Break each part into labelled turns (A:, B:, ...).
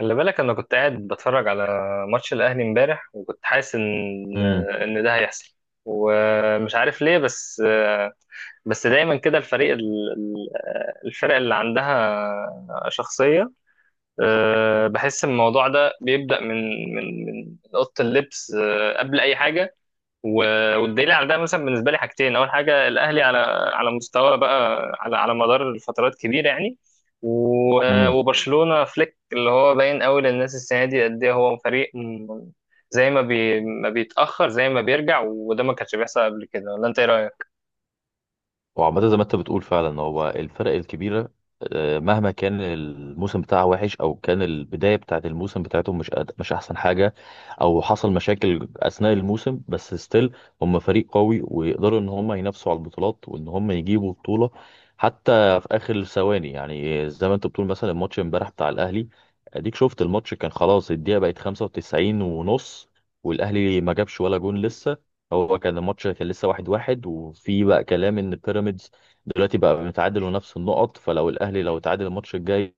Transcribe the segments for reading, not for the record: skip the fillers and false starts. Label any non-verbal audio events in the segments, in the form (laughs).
A: خلي بالك انا كنت قاعد بتفرج على ماتش الاهلي امبارح، وكنت حاسس ان
B: امم
A: ان ده هيحصل، ومش عارف ليه. بس دايما كده. الفرق اللي عندها شخصية. بحس الموضوع ده بيبدأ من أوضة اللبس، قبل أي حاجة. والدليل على ده مثلا بالنسبه لي حاجتين. اول حاجه الاهلي، على مستوى بقى، على مدار فترات كبيره يعني.
B: امم
A: وبرشلونه فليك، اللي هو باين قوي للناس السنه دي قد ايه هو فريق زي ما ما بيتاخر زي ما بيرجع، وده ما كانش بيحصل قبل كده. ولا انت ايه رايك؟
B: وعامة زي ما انت بتقول فعلا، هو الفرق الكبيرة مهما كان الموسم بتاعها وحش او كان البداية بتاعت الموسم بتاعتهم مش احسن حاجة، او حصل مشاكل اثناء الموسم. بس ستيل هم فريق قوي ويقدروا ان هم ينافسوا على البطولات وان هم يجيبوا بطولة حتى في اخر الثواني. يعني زي ما انت بتقول، مثلا الماتش امبارح بتاع الاهلي، اديك شفت الماتش، كان خلاص الدقيقة بقت 95 ونص، والاهلي ما جابش ولا جون لسه. هو كان الماتش كان لسه واحد واحد، وفي بقى كلام ان بيراميدز دلوقتي بقى متعادل ونفس النقط، فلو الاهلي لو اتعادل الماتش الجاي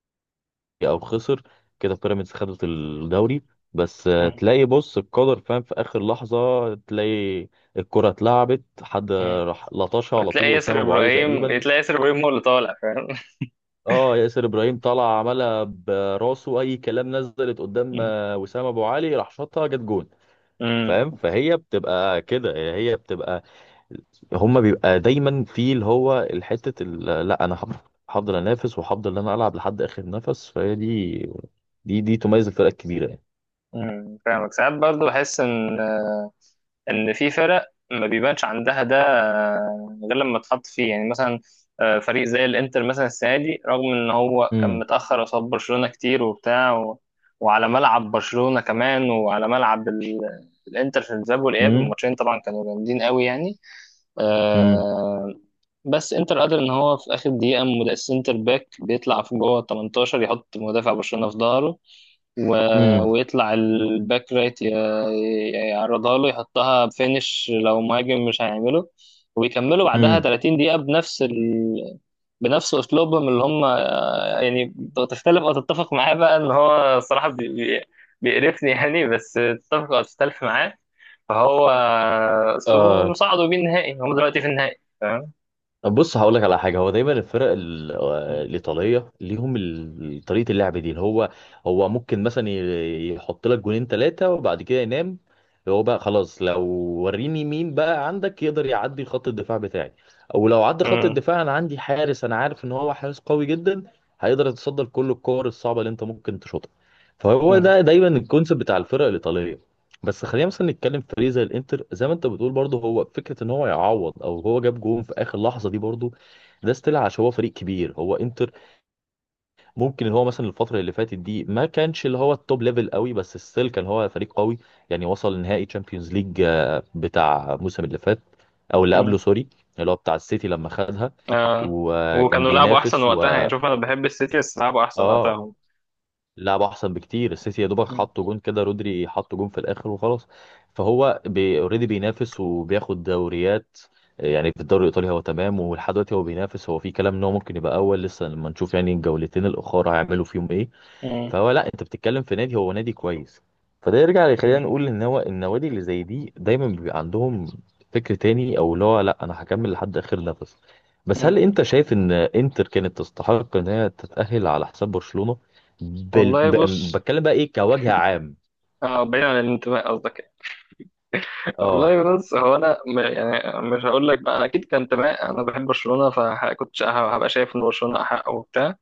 B: او خسر، كده بيراميدز خدت الدوري. بس
A: مم.
B: تلاقي، بص القدر فاهم في اخر لحظة، تلاقي الكرة اتلعبت، حد
A: مم.
B: راح لطشها على طول، وسام ابو علي تقريبا.
A: تلاقي ياسر ابراهيم هو اللي طالع، فاهم؟
B: اه، ياسر ابراهيم طلع عملها براسه اي كلام، نزلت قدام
A: مم.
B: وسام ابو علي راح شاطها، جت جون.
A: مم.
B: فاهم؟ فهي بتبقى كده، هي بتبقى، هما بيبقى دايما في اللي هو الحتة لا انا هفضل انافس وهفضل ان انا العب لحد اخر نفس. فهي دي تميز الفرق الكبيرة يعني.
A: فاهمك. ساعات برضو بحس ان في فرق ما بيبانش عندها ده غير لما تحط فيه، يعني مثلا فريق زي الانتر مثلا السنه دي، رغم ان هو كان
B: امم.
A: متاخر قصاد برشلونه كتير وبتاع، وعلى ملعب برشلونه كمان، وعلى ملعب الانتر، في الذهاب والاياب
B: امم.
A: الماتشين طبعا كانوا جامدين قوي يعني. آه، بس انتر قادر ان هو في اخر دقيقه سنتر باك بيطلع في جوه ال 18، يحط مدافع برشلونه في ظهره، و...
B: امم.
A: ويطلع الباك رايت يعرضها له، يحطها بفينش لو مهاجم مش هيعمله. ويكملوا بعدها
B: امم.
A: 30 دقيقة بنفس أسلوبهم اللي هم، يعني تختلف أو تتفق معاه بقى، إن هو الصراحة بيقرفني يعني، بس تتفق أو تختلف معاه فهو أسلوبه مصعده بيه النهائي. هم دلوقتي في النهائي، فاهم.
B: طب بص، هقول لك على حاجه. هو دايما الفرق الايطاليه ليهم طريقه اللعب دي، اللي هو ممكن مثلا يحط لك جونين ثلاثه وبعد كده ينام. هو بقى خلاص، لو وريني مين بقى عندك يقدر يعدي خط الدفاع بتاعي، او لو عدى خط
A: مم.
B: الدفاع، انا عندي حارس، انا عارف ان هو حارس قوي جدا، هيقدر يتصدى لكل الكور الصعبه اللي انت ممكن تشوطها. فهو
A: مم.
B: ده دايما الكونسيبت بتاع الفرق الايطاليه. بس خلينا مثلا نتكلم في فريق زي الانتر. زي ما انت بتقول برضه، هو فكره ان هو يعوض او هو جاب جون في اخر لحظه دي، برضه ده استيل عشان هو فريق كبير، هو انتر. ممكن ان هو مثلا الفتره اللي فاتت دي ما كانش اللي هو التوب ليفل قوي، بس ستيل كان هو فريق قوي. يعني وصل نهائي تشامبيونز ليج بتاع الموسم اللي فات، او اللي قبله
A: مم.
B: سوري، اللي هو بتاع السيتي لما خدها.
A: آه.
B: وكان
A: وكانوا لعبوا أحسن
B: بينافس و...
A: وقتها يعني. شوف، أنا بحب السيتي، بس لعبوا أحسن
B: اه،
A: وقتها.
B: لعب احسن بكتير السيتي، يا دوبك
A: هم.
B: حط جون كده، رودري حط جون في الاخر وخلاص. فهو بي اوريدي بينافس وبياخد دوريات. يعني في الدوري الايطالي هو تمام، ولحد دلوقتي هو بينافس، هو في كلام ان هو ممكن يبقى اول، لسه لما نشوف يعني الجولتين الاخر هيعملوا فيهم ايه.
A: مم.
B: فهو لا، انت بتتكلم في نادي هو نادي كويس. فده يرجع يخلينا
A: مم.
B: نقول ان هو النوادي اللي زي دي دايما بيبقى عندهم فكر تاني، او اللي هو لا انا هكمل لحد اخر نفس. بس
A: مم.
B: هل انت شايف ان انتر كانت تستحق ان هي تتأهل على حساب برشلونة؟ بال...
A: والله
B: ب...
A: بص.
B: بتكلم بقى ايه كوجه عام.
A: اه، بعيد عن الانتماء قصدك يعني.
B: اه.
A: والله بص، هو انا يعني مش هقول لك بقى، انا اكيد كان انتماء، انا بحب برشلونه فكنت هبقى شايف ان برشلونه احق وبتاع.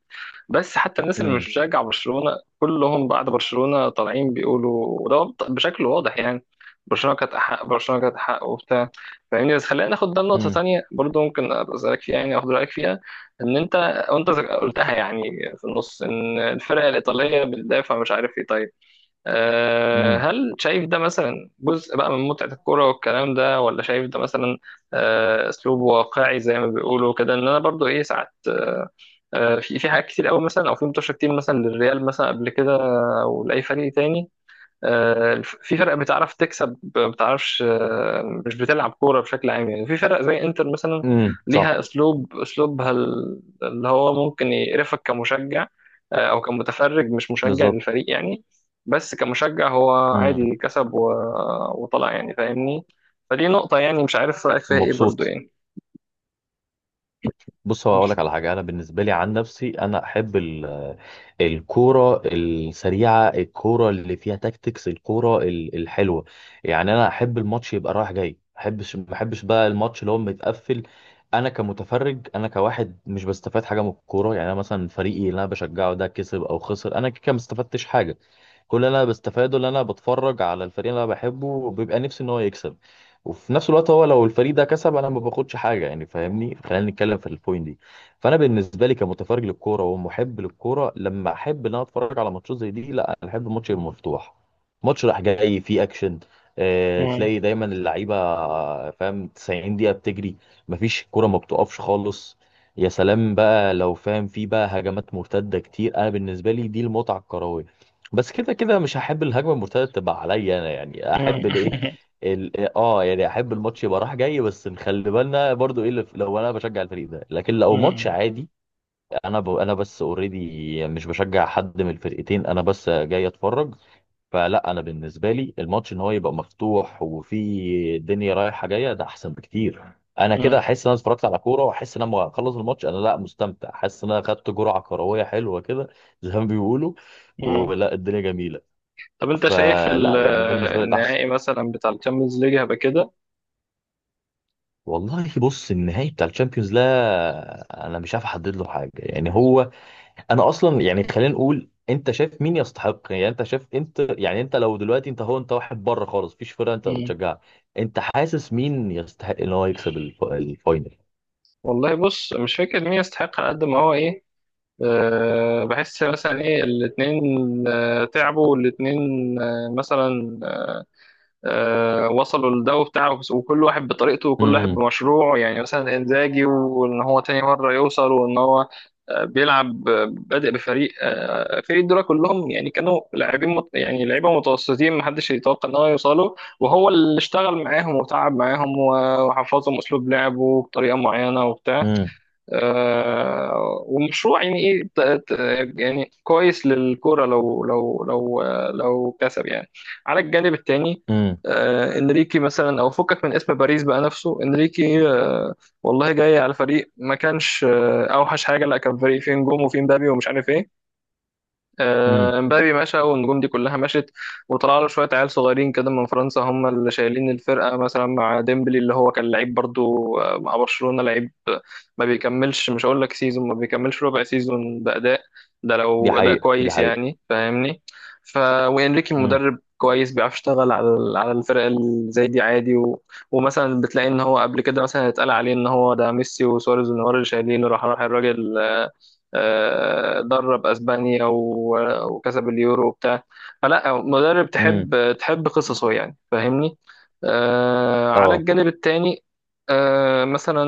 A: بس حتى الناس اللي مش
B: امم.
A: بتشجع برشلونه كلهم بعد برشلونه طالعين بيقولوا، وده بشكل واضح يعني، برشلونه كانت احق، برشلونه كانت احق وبتاع، فاهمني. بس خلينا ناخد ده لنقطه
B: امم.
A: تانيه برضو ممكن ابقى اسالك فيها، يعني اخد رايك فيها. ان انت، وانت قلتها يعني في النص، ان الفرق الايطاليه بتدافع مش عارف ايه. طيب،
B: امم.
A: هل شايف ده مثلا جزء بقى من متعة الكرة والكلام ده، ولا شايف ده مثلا أسلوب واقعي زي ما بيقولوا كده، إن أنا برضو إيه ساعات، في حاجات كتير قوي مثلا، أو في متوشة كتير مثلا للريال مثلا قبل كده أو لأي فريق تاني. في فرق بتعرف تكسب ما بتعرفش، مش بتلعب كورة بشكل عام يعني. في فرق زي انتر مثلا،
B: امم. صح.
A: ليها اسلوبها اللي هو ممكن يقرفك كمشجع، او كمتفرج مش مشجع
B: بالظبط.
A: للفريق يعني. بس كمشجع هو
B: امم.
A: عادي، كسب وطلع، يعني فاهمني. فدي نقطة يعني مش عارف رأيك فيها ايه برضو
B: مبسوط.
A: يعني.
B: بص هو اقول لك على حاجه. انا بالنسبه لي، عن نفسي، انا احب الكوره السريعه، الكوره اللي فيها تاكتكس، الكوره الحلوه. يعني انا احب الماتش يبقى رايح جاي. ما احبش بقى الماتش اللي هو متقفل. انا كمتفرج، انا كواحد مش بستفاد حاجه من الكوره. يعني انا مثلا فريقي اللي انا بشجعه ده كسب او خسر، انا كده ما استفدتش حاجه. كل اللي انا بستفاده اللي انا بتفرج على الفريق اللي انا بحبه وبيبقى نفسي ان هو يكسب. وفي نفس الوقت، هو لو الفريق ده كسب، انا ما باخدش حاجه يعني، فاهمني؟ خلينا نتكلم في البوينت دي. فانا بالنسبه لي كمتفرج للكوره ومحب للكوره، لما احب ان انا اتفرج على ماتشات زي دي، لا انا احب الماتش المفتوح، ماتش راح جاي فيه اكشن.
A: مم.
B: تلاقي دايما اللعيبه فاهم، 90 دقيقه بتجري، مفيش الكوره ما بتقفش خالص. يا سلام بقى لو فاهم فيه بقى هجمات مرتده كتير، انا بالنسبه لي دي المتعه الكرويه. بس كده كده مش هحب الهجمه المرتده تبقى عليا انا، يعني
A: مم.
B: احب الايه
A: (laughs)
B: يعني احب الماتش يبقى رايح جاي. بس نخلي بالنا برضو ايه اللي لو انا بشجع الفريق ده لكن لو ماتش
A: مم.
B: عادي، انا بس اوريدي مش بشجع حد من الفرقتين، انا بس جاي اتفرج. فلا، انا بالنسبه لي الماتش ان هو يبقى مفتوح وفي دنيا رايحه جايه، ده احسن بكتير. انا كده
A: مم.
B: احس ان انا اتفرجت على كوره، واحس ان انا لما اخلص الماتش، انا لا مستمتع، حاسس ان انا خدت جرعه كرويه حلوه كده زي ما بيقولوا،
A: مم.
B: ولا الدنيا جميله.
A: طب انت شايف
B: فلا يعني ده بالنسبه لي الاحسن.
A: النهائي مثلا بتاع الشامبيونز ليج هيبقى كده؟
B: والله بص، النهائي بتاع الشامبيونز، لا انا مش عارف احدد له حاجه يعني. هو انا اصلا يعني خلينا نقول، انت شايف مين يستحق؟ يعني انت شايف، انت يعني انت لو دلوقتي انت هو، انت واحد بره خالص، مفيش فرقه انت بتشجعها، انت حاسس مين يستحق ان هو يكسب الفاينل؟
A: والله بص، مش فاكر مين يستحق على قد ما هو ايه. بحس مثلا ايه، الاتنين تعبوا، والاتنين مثلا وصلوا للدو بتاعه، وكل واحد بطريقته وكل واحد
B: امم.
A: بمشروعه، يعني مثلا انزاجي وان هو تاني مرة يوصل وان هو بيلعب، بادئ بفريق، فريق دول كلهم يعني كانوا لاعبين يعني لعيبه متوسطين، محدش يتوقع ان هو يوصلوا، وهو اللي اشتغل معاهم وتعب معاهم وحفظهم اسلوب لعبه بطريقه معينه وبتاع،
B: امم.
A: ومشروع يعني ايه، ت- يعني كويس للكرة لو لو لو كسب يعني. على الجانب التاني
B: امم.
A: انريكي مثلا، او فكك من اسم باريس بقى، نفسه انريكي، والله جاي على فريق ما كانش اوحش حاجه، لا كان فريق فيه نجوم وفيه مبابي ومش عارف ايه.
B: امم.
A: امبابي مشى والنجوم دي كلها مشت، وطلع له شويه عيال صغيرين كده من فرنسا هم اللي شايلين الفرقه، مثلا مع ديمبلي اللي هو كان لعيب برضو مع برشلونه، لعيب ما بيكملش، مش هقول لك سيزون، ما بيكملش ربع سيزون باداء، ده
B: دي
A: لو اداء
B: حقيقه، دي
A: كويس
B: حقيقه.
A: يعني فاهمني. ف وانريكي
B: امم.
A: مدرب كويس، بيعرف يشتغل على على الفرق اللي زي دي عادي، ومثلا بتلاقي ان هو قبل كده مثلا اتقال عليه ان هو ده ميسي وسواريز ونيمار اللي شايلينه، راح راح الراجل درب اسبانيا وكسب اليورو وبتاع. فلا مدرب
B: امم.
A: تحب قصصه يعني فاهمني. على
B: اه.
A: الجانب التاني مثلا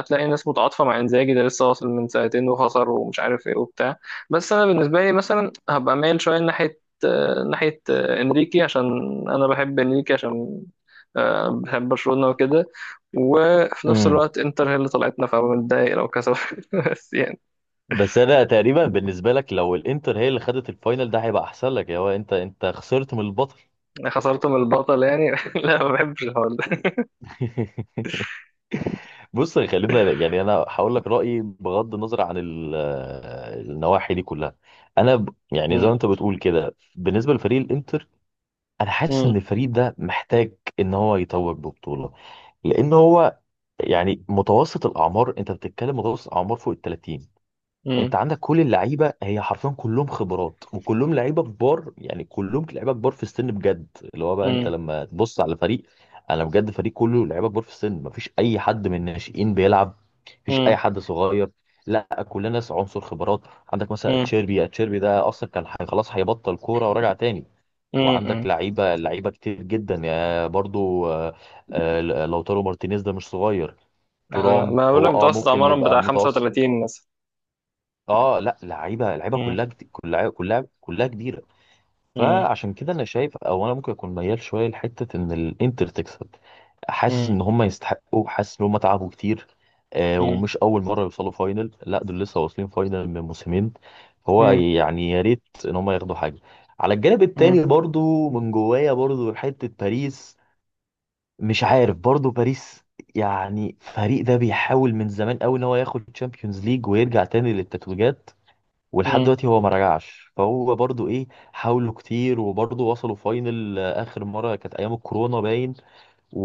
A: هتلاقي ناس متعاطفه مع انزاجي، ده لسه واصل من سنتين وخسر ومش عارف ايه وبتاع. بس انا بالنسبه لي مثلا هبقى مايل شويه ناحيه انريكي، عشان انا بحب انريكي، عشان بحب برشلونه وكده. وفي نفس
B: امم.
A: الوقت انتر هي اللي طلعتنا، فببقى متضايق لو كسبت، (laughs) بس يعني
B: بس انا تقريبا، بالنسبه لك لو الانتر هي اللي خدت الفاينل ده هيبقى احسن لك، يا هو انت خسرت من البطل.
A: خسرت من البطل يعني. (laughs) لا ما بحبش الحوار ده.
B: بص، خلينا يعني انا هقول لك رايي بغض النظر عن النواحي دي كلها. يعني زي ما
A: مم.
B: انت بتقول كده بالنسبه لفريق الانتر، انا حاسس ان
A: مم.
B: الفريق ده محتاج ان هو يتوج ببطوله، لان هو يعني متوسط الاعمار، انت بتتكلم متوسط الاعمار فوق ال 30.
A: مم.
B: انت عندك كل اللعيبه، هي حرفيا كلهم خبرات وكلهم لعيبه كبار يعني، كلهم لعيبه كبار في السن بجد. اللي هو بقى انت
A: مم.
B: لما تبص على فريق، انا بجد فريق كله لعيبه كبار في السن، مفيش اي حد من الناشئين بيلعب، مفيش اي
A: مم.
B: حد صغير. لا كلنا ناس عنصر خبرات. عندك مثلا
A: مم.
B: تشيربي ده اصلا كان خلاص هيبطل كوره ورجع تاني.
A: مم.
B: وعندك
A: مم.
B: لعيبه كتير جدا، يا برضو لوتارو مارتينيز ده مش صغير. تورام
A: ما بقول
B: هو
A: لك متوسط
B: ممكن
A: عمرهم
B: يبقى
A: بتاع
B: متوسط.
A: 35 مثلا.
B: اه، لا، لعيبه
A: مم.
B: كلها جد- كلها كلها كلها كبيره.
A: مم.
B: فعشان كده انا شايف، او انا ممكن اكون ميال شويه لحته ان الانتر تكسب. حاسس
A: مم.
B: ان هم يستحقوا، حاسس ان هم تعبوا كتير.
A: مم.
B: ومش اول مره يوصلوا فاينل، لا دول لسه واصلين فاينل من موسمين. هو
A: مم.
B: يعني يا ريت ان هم ياخدوا حاجه. على الجانب
A: مم.
B: التاني برضو، من جوايا برضو حته باريس، مش عارف برضو باريس. يعني فريق ده بيحاول من زمان قوي ان هو ياخد تشامبيونز ليج ويرجع تاني للتتويجات، ولحد
A: مم.
B: دلوقتي هو ما رجعش، فهو برضو ايه. حاولوا كتير وبرضو وصلوا فاينل. اخر مره كانت ايام الكورونا باين،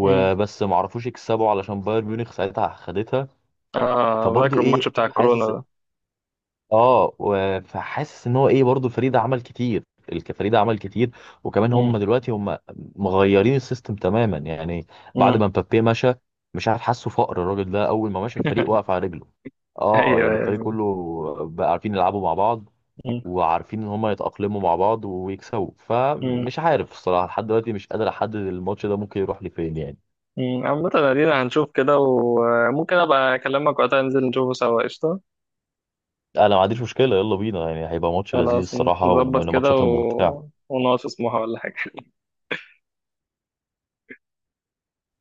A: مم.
B: ما عرفوش يكسبوا علشان بايرن ميونخ ساعتها خدتها.
A: اه،
B: فبرضو
A: فاكر الماتش
B: ايه
A: بتاع الكورونا
B: حاسس،
A: ده.
B: فحاسس ان هو ايه برضو الفريق ده عمل كتير، الفريق ده عمل كتير، وكمان
A: مم.
B: هم دلوقتي هم مغيرين السيستم تماما يعني، بعد
A: مم.
B: ما مبابي مشى. مش عارف، حاسه فقر الراجل ده اول ما مشى الفريق وقف
A: (laughs)
B: على رجله. اه،
A: ايوه،
B: يعني الفريق
A: أيوة.
B: كله بقى عارفين يلعبوا مع بعض،
A: مم.
B: وعارفين ان هما يتأقلموا مع بعض ويكسبوا.
A: مم.
B: فمش عارف الصراحة، لحد دلوقتي مش قادر احدد الماتش ده ممكن يروح لفين يعني.
A: مم. عامة ادينا هنشوف كده، وممكن ابقى اكلمك وقتها ننزل نشوفه سوا، قشطة.
B: انا ما عنديش مشكلة، يلا بينا، يعني هيبقى ماتش لذيذ
A: خلاص،
B: الصراحة
A: نظبط
B: ومن
A: كده
B: الماتشات الممتعة.
A: ونقعد في سموحة ولا حاجة.